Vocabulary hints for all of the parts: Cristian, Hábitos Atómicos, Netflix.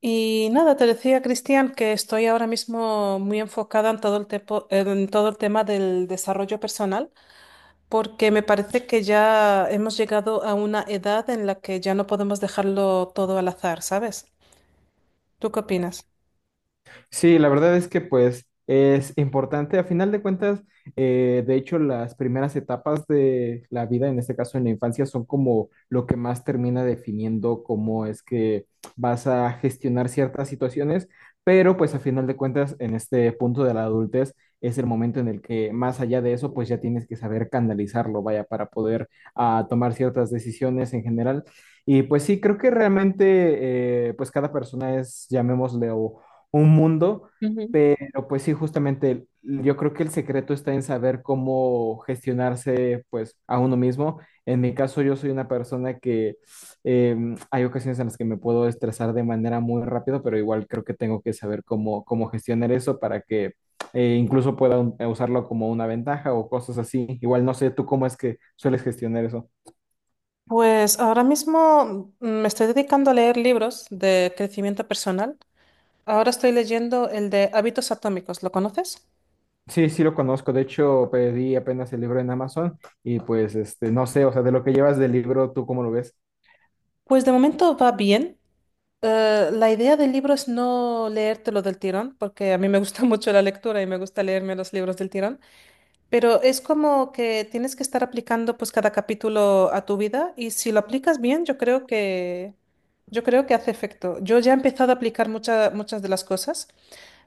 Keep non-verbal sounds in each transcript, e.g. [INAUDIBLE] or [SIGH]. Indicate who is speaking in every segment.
Speaker 1: Y nada, te decía, Cristian, que estoy ahora mismo muy enfocada en todo en todo el tema del desarrollo personal, porque me parece que ya hemos llegado a una edad en la que ya no podemos dejarlo todo al azar, ¿sabes? ¿Tú qué opinas?
Speaker 2: Sí, la verdad es que pues es importante. A final de cuentas, de hecho, las primeras etapas de la vida, en este caso en la infancia, son como lo que más termina definiendo cómo es que vas a gestionar ciertas situaciones, pero pues a final de cuentas, en este punto de la adultez, es el momento en el que más allá de eso, pues ya tienes que saber canalizarlo, vaya, para poder tomar ciertas decisiones en general. Y pues sí, creo que realmente, pues cada persona es, llamémosle, un mundo, pero pues sí, justamente yo creo que el secreto está en saber cómo gestionarse pues a uno mismo. En mi caso, yo soy una persona que hay ocasiones en las que me puedo estresar de manera muy rápido, pero igual creo que tengo que saber cómo gestionar eso para que incluso usarlo como una ventaja o cosas así. Igual no sé tú cómo es que sueles gestionar eso.
Speaker 1: Pues ahora mismo me estoy dedicando a leer libros de crecimiento personal. Ahora estoy leyendo el de Hábitos Atómicos, ¿lo conoces?
Speaker 2: Sí, sí lo conozco. De hecho, pedí apenas el libro en Amazon. Y pues, este, no sé, o sea, de lo que llevas del libro, ¿tú cómo lo ves?
Speaker 1: Pues de momento va bien. La idea del libro es no leértelo del tirón, porque a mí me gusta [LAUGHS] mucho la lectura y me gusta leerme los libros del tirón, pero es como que tienes que estar aplicando pues cada capítulo a tu vida y si lo aplicas bien, yo creo que hace efecto. Yo ya he empezado a aplicar muchas de las cosas.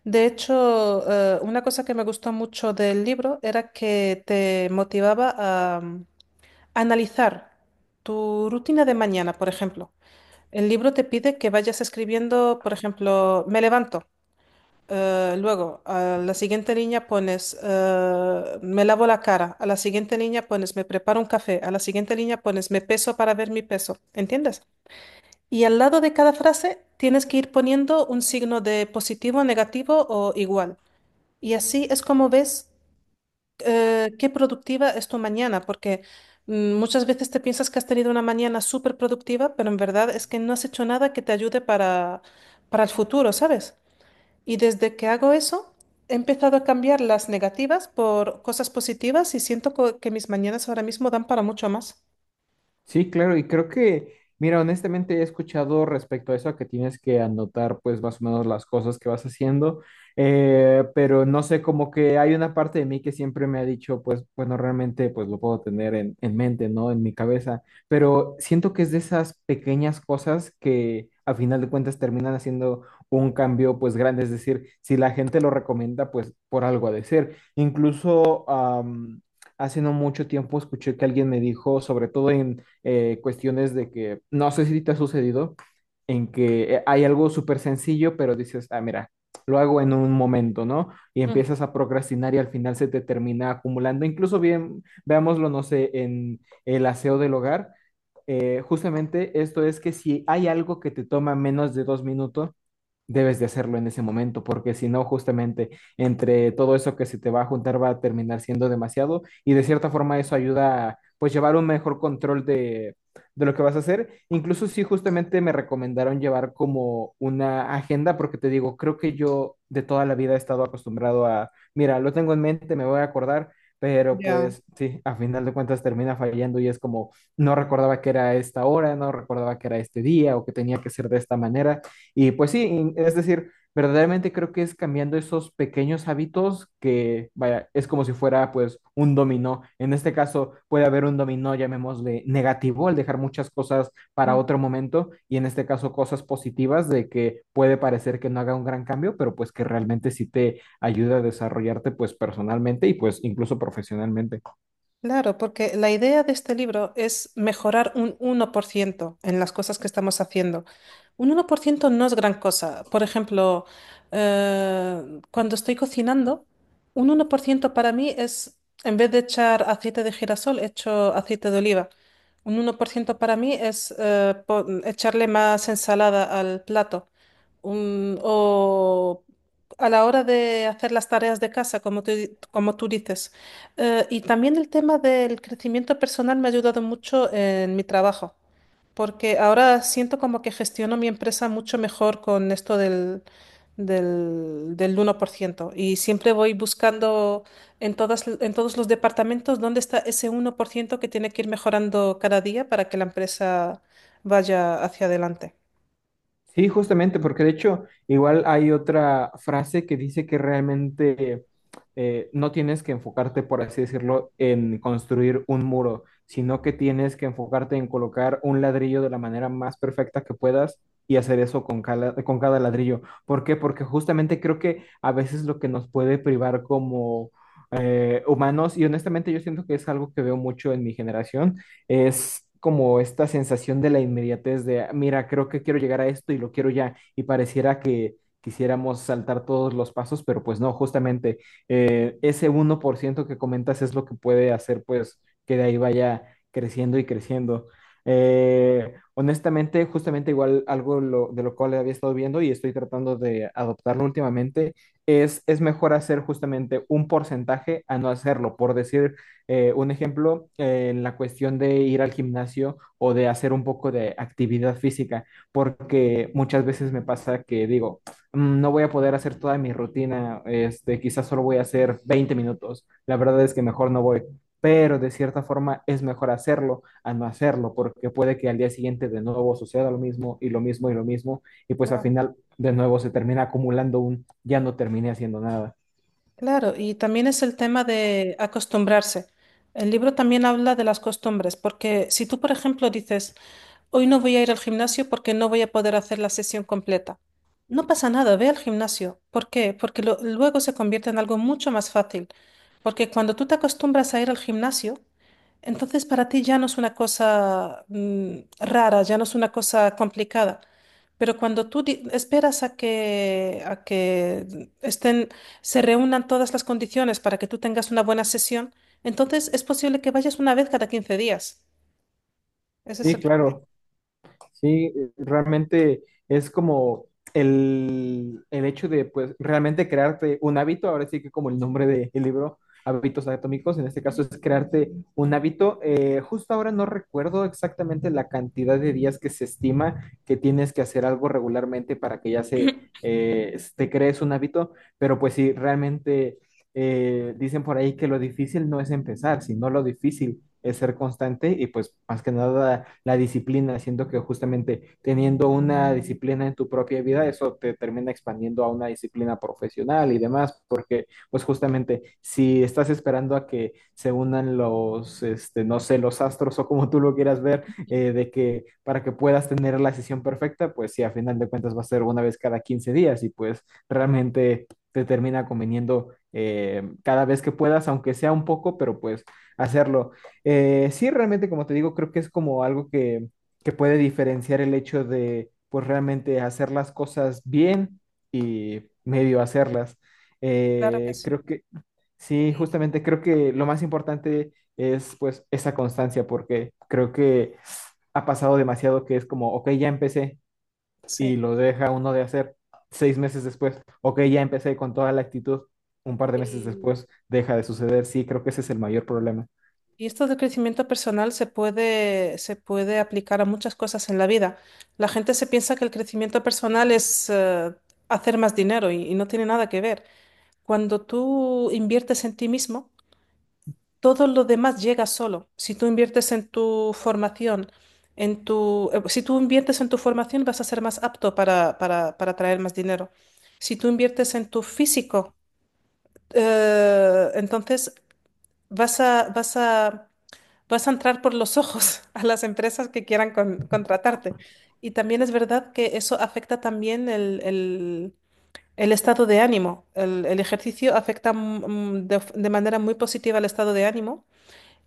Speaker 1: De hecho, una cosa que me gustó mucho del libro era que te motivaba a analizar tu rutina de mañana, por ejemplo. El libro te pide que vayas escribiendo, por ejemplo, me levanto. Luego, a la siguiente línea pones, me lavo la cara. A la siguiente línea pones, me preparo un café. A la siguiente línea pones, me peso para ver mi peso. ¿Entiendes? Y al lado de cada frase tienes que ir poniendo un signo de positivo, negativo o igual. Y así es como ves qué productiva es tu mañana, porque muchas veces te piensas que has tenido una mañana súper productiva, pero en verdad es que no has hecho nada que te ayude para el futuro, ¿sabes? Y desde que hago eso, he empezado a cambiar las negativas por cosas positivas y siento que mis mañanas ahora mismo dan para mucho más.
Speaker 2: Sí, claro, y creo que, mira, honestamente he escuchado respecto a eso, a que tienes que anotar pues más o menos las cosas que vas haciendo, pero no sé, como que hay una parte de mí que siempre me ha dicho, pues bueno, realmente pues lo puedo tener en mente, ¿no? En mi cabeza, pero siento que es de esas pequeñas cosas que a final de cuentas terminan haciendo un cambio pues grande, es decir, si la gente lo recomienda, pues por algo ha de ser. Hace no mucho tiempo escuché que alguien me dijo, sobre todo en cuestiones de que, no sé si te ha sucedido, en que hay algo súper sencillo, pero dices, ah, mira, lo hago en un momento, ¿no? Y
Speaker 1: Ujú.
Speaker 2: empiezas a procrastinar y al final se te termina acumulando. Incluso bien, veámoslo, no sé, en el aseo del hogar. Justamente esto es que si hay algo que te toma menos de 2 minutos, debes de hacerlo en ese momento, porque si no, justamente entre todo eso que se te va a juntar va a terminar siendo demasiado y de cierta forma eso ayuda a pues llevar un mejor control de lo que vas a hacer. Incluso si justamente me recomendaron llevar como una agenda, porque te digo, creo que yo de toda la vida he estado acostumbrado a, mira, lo tengo en mente, me voy a acordar. Pero
Speaker 1: Ya.
Speaker 2: pues sí, a final de cuentas termina fallando y es como, no recordaba que era esta hora, no recordaba que era este día o que tenía que ser de esta manera. Y pues sí, es decir, verdaderamente creo que es cambiando esos pequeños hábitos que, vaya, es como si fuera pues un dominó. En este caso puede haber un dominó, llamémosle negativo, al dejar muchas cosas para otro momento y en este caso cosas positivas de que puede parecer que no haga un gran cambio, pero pues que realmente sí te ayuda a desarrollarte pues personalmente y pues incluso profesionalmente.
Speaker 1: Claro, porque la idea de este libro es mejorar un uno por ciento en las cosas que estamos haciendo. Un uno por ciento no es gran cosa. Por ejemplo, eh, cuando estoy cocinando, un uno por ciento para mí es, en vez de echar aceite de girasol, echo aceite de oliva. Un uno por ciento para mí es echarle más ensalada al plato o a la hora de hacer las tareas de casa, como como tú dices. Y también el tema del crecimiento personal me ha ayudado mucho en mi trabajo, porque ahora siento como que gestiono mi empresa mucho mejor con esto del uno por ciento. Y siempre voy buscando en en todos los departamentos dónde está ese uno por ciento que tiene que ir mejorando cada día para que la empresa vaya hacia adelante.
Speaker 2: Sí, justamente, porque de hecho igual hay otra frase que dice que realmente no tienes que enfocarte, por así decirlo, en construir un muro, sino que tienes que enfocarte en colocar un ladrillo de la manera más perfecta que puedas y hacer eso con con cada ladrillo. ¿Por qué? Porque justamente creo que a veces lo que nos puede privar como humanos, y honestamente yo siento que es algo que veo mucho en mi generación, es como esta sensación de la inmediatez de, "Ah, mira, creo que quiero llegar a esto y lo quiero ya, y pareciera que quisiéramos saltar todos los pasos, pero pues no, justamente ese uno por ciento que comentas es lo que puede hacer pues que de ahí vaya creciendo y creciendo. Honestamente, justamente igual de lo cual había estado viendo y estoy tratando de adoptarlo últimamente, es mejor hacer justamente un porcentaje a no hacerlo, por decir un ejemplo, en la cuestión de ir al gimnasio o de hacer un poco de actividad física, porque muchas veces me pasa que digo, "Mm, no voy a poder hacer toda mi rutina, este, quizás solo voy a hacer 20 minutos, la verdad es que mejor no voy, pero de cierta forma es mejor hacerlo a no hacerlo, porque puede que al día siguiente de nuevo suceda lo mismo y lo mismo y lo mismo, y pues al final de nuevo se termina acumulando un ya no terminé haciendo nada.
Speaker 1: Claro, y también es el tema de acostumbrarse. El libro también habla de las costumbres, porque si tú, por ejemplo, dices, hoy no voy a ir al gimnasio porque no voy a poder hacer la sesión completa, no pasa nada, ve al gimnasio. ¿Por qué? Porque luego se convierte en algo mucho más fácil. Porque cuando tú te acostumbras a ir al gimnasio, entonces para ti ya no es una cosa rara, ya no es una cosa complicada. Pero cuando esperas a a que estén, se reúnan todas las condiciones para que tú tengas una buena sesión, entonces es posible que vayas una vez cada 15 días. Ese es
Speaker 2: Sí,
Speaker 1: el problema.
Speaker 2: claro. Sí, realmente es como el hecho de, pues, realmente crearte un hábito, ahora sí que como el nombre del libro, Hábitos Atómicos, en este caso
Speaker 1: Ujú.
Speaker 2: es crearte un hábito. Justo ahora no recuerdo exactamente la cantidad de días que se estima que tienes que hacer algo regularmente para que ya se, te crees un hábito, pero pues sí, realmente dicen por ahí que lo difícil no es empezar, sino lo difícil es ser constante y pues más que nada la disciplina, siento que justamente teniendo una disciplina en tu propia vida, eso te termina expandiendo a una disciplina profesional y demás, porque pues justamente si estás esperando a que se unan los, este, no sé, los astros o como tú lo quieras ver, de que para que puedas tener la sesión perfecta, pues sí, a final de cuentas va a ser una vez cada 15 días y pues realmente te termina conveniendo cada vez que puedas, aunque sea un poco, pero pues hacerlo. Sí, realmente, como te digo, creo que es como algo que puede diferenciar el hecho de, pues, realmente hacer las cosas bien y medio hacerlas.
Speaker 1: Claro que
Speaker 2: Eh,
Speaker 1: sí.
Speaker 2: creo que, sí,
Speaker 1: Y,
Speaker 2: justamente creo que lo más importante es, pues, esa constancia, porque creo que ha pasado demasiado que es como, ok, ya empecé
Speaker 1: sí.
Speaker 2: y lo deja uno de hacer 6 meses después, ok, ya empecé con toda la actitud, un par de meses
Speaker 1: Y,
Speaker 2: después deja de suceder. Sí, creo que ese es el mayor problema.
Speaker 1: y esto del crecimiento personal se puede aplicar a muchas cosas en la vida. La gente se piensa que el crecimiento personal es hacer más dinero y no tiene nada que ver. Cuando tú inviertes en ti mismo, todo lo demás llega solo. Si tú inviertes en tu formación, si tú inviertes en tu formación, vas a ser más apto para traer más dinero. Si tú inviertes en tu físico, entonces vas a, vas a, vas a entrar por los ojos [LAUGHS] a las empresas que quieran contratarte. Y también es verdad que eso afecta también el estado de ánimo. El, ejercicio afecta de manera muy positiva al estado de ánimo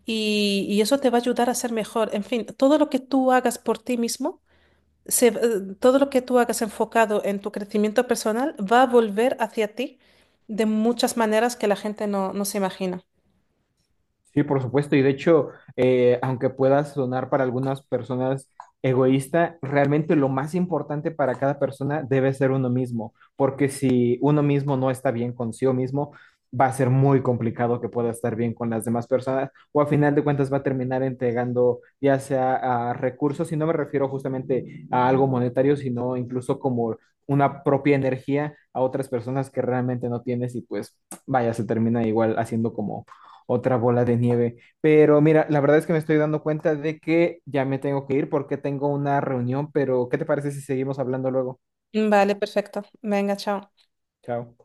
Speaker 1: y eso te va a ayudar a ser mejor. En fin, todo lo que tú hagas por ti mismo, se- eh, todo lo que tú hagas enfocado en tu crecimiento personal va a volver hacia ti de muchas maneras que la gente no se imagina.
Speaker 2: Sí, por supuesto. Y de hecho, aunque pueda sonar para algunas personas egoísta, realmente lo más importante para cada persona debe ser uno mismo, porque si uno mismo no está bien consigo mismo, va a ser muy complicado que pueda estar bien con las demás personas o a final de cuentas va a terminar entregando ya sea a recursos, y no me refiero justamente a algo monetario, sino incluso como una propia energía a otras personas que realmente no tienes y pues vaya, se termina igual haciendo otra bola de nieve. Pero mira, la verdad es que me estoy dando cuenta de que ya me tengo que ir porque tengo una reunión, pero ¿qué te parece si seguimos hablando luego?
Speaker 1: Vale, perfecto. Venga, chao.
Speaker 2: Chao.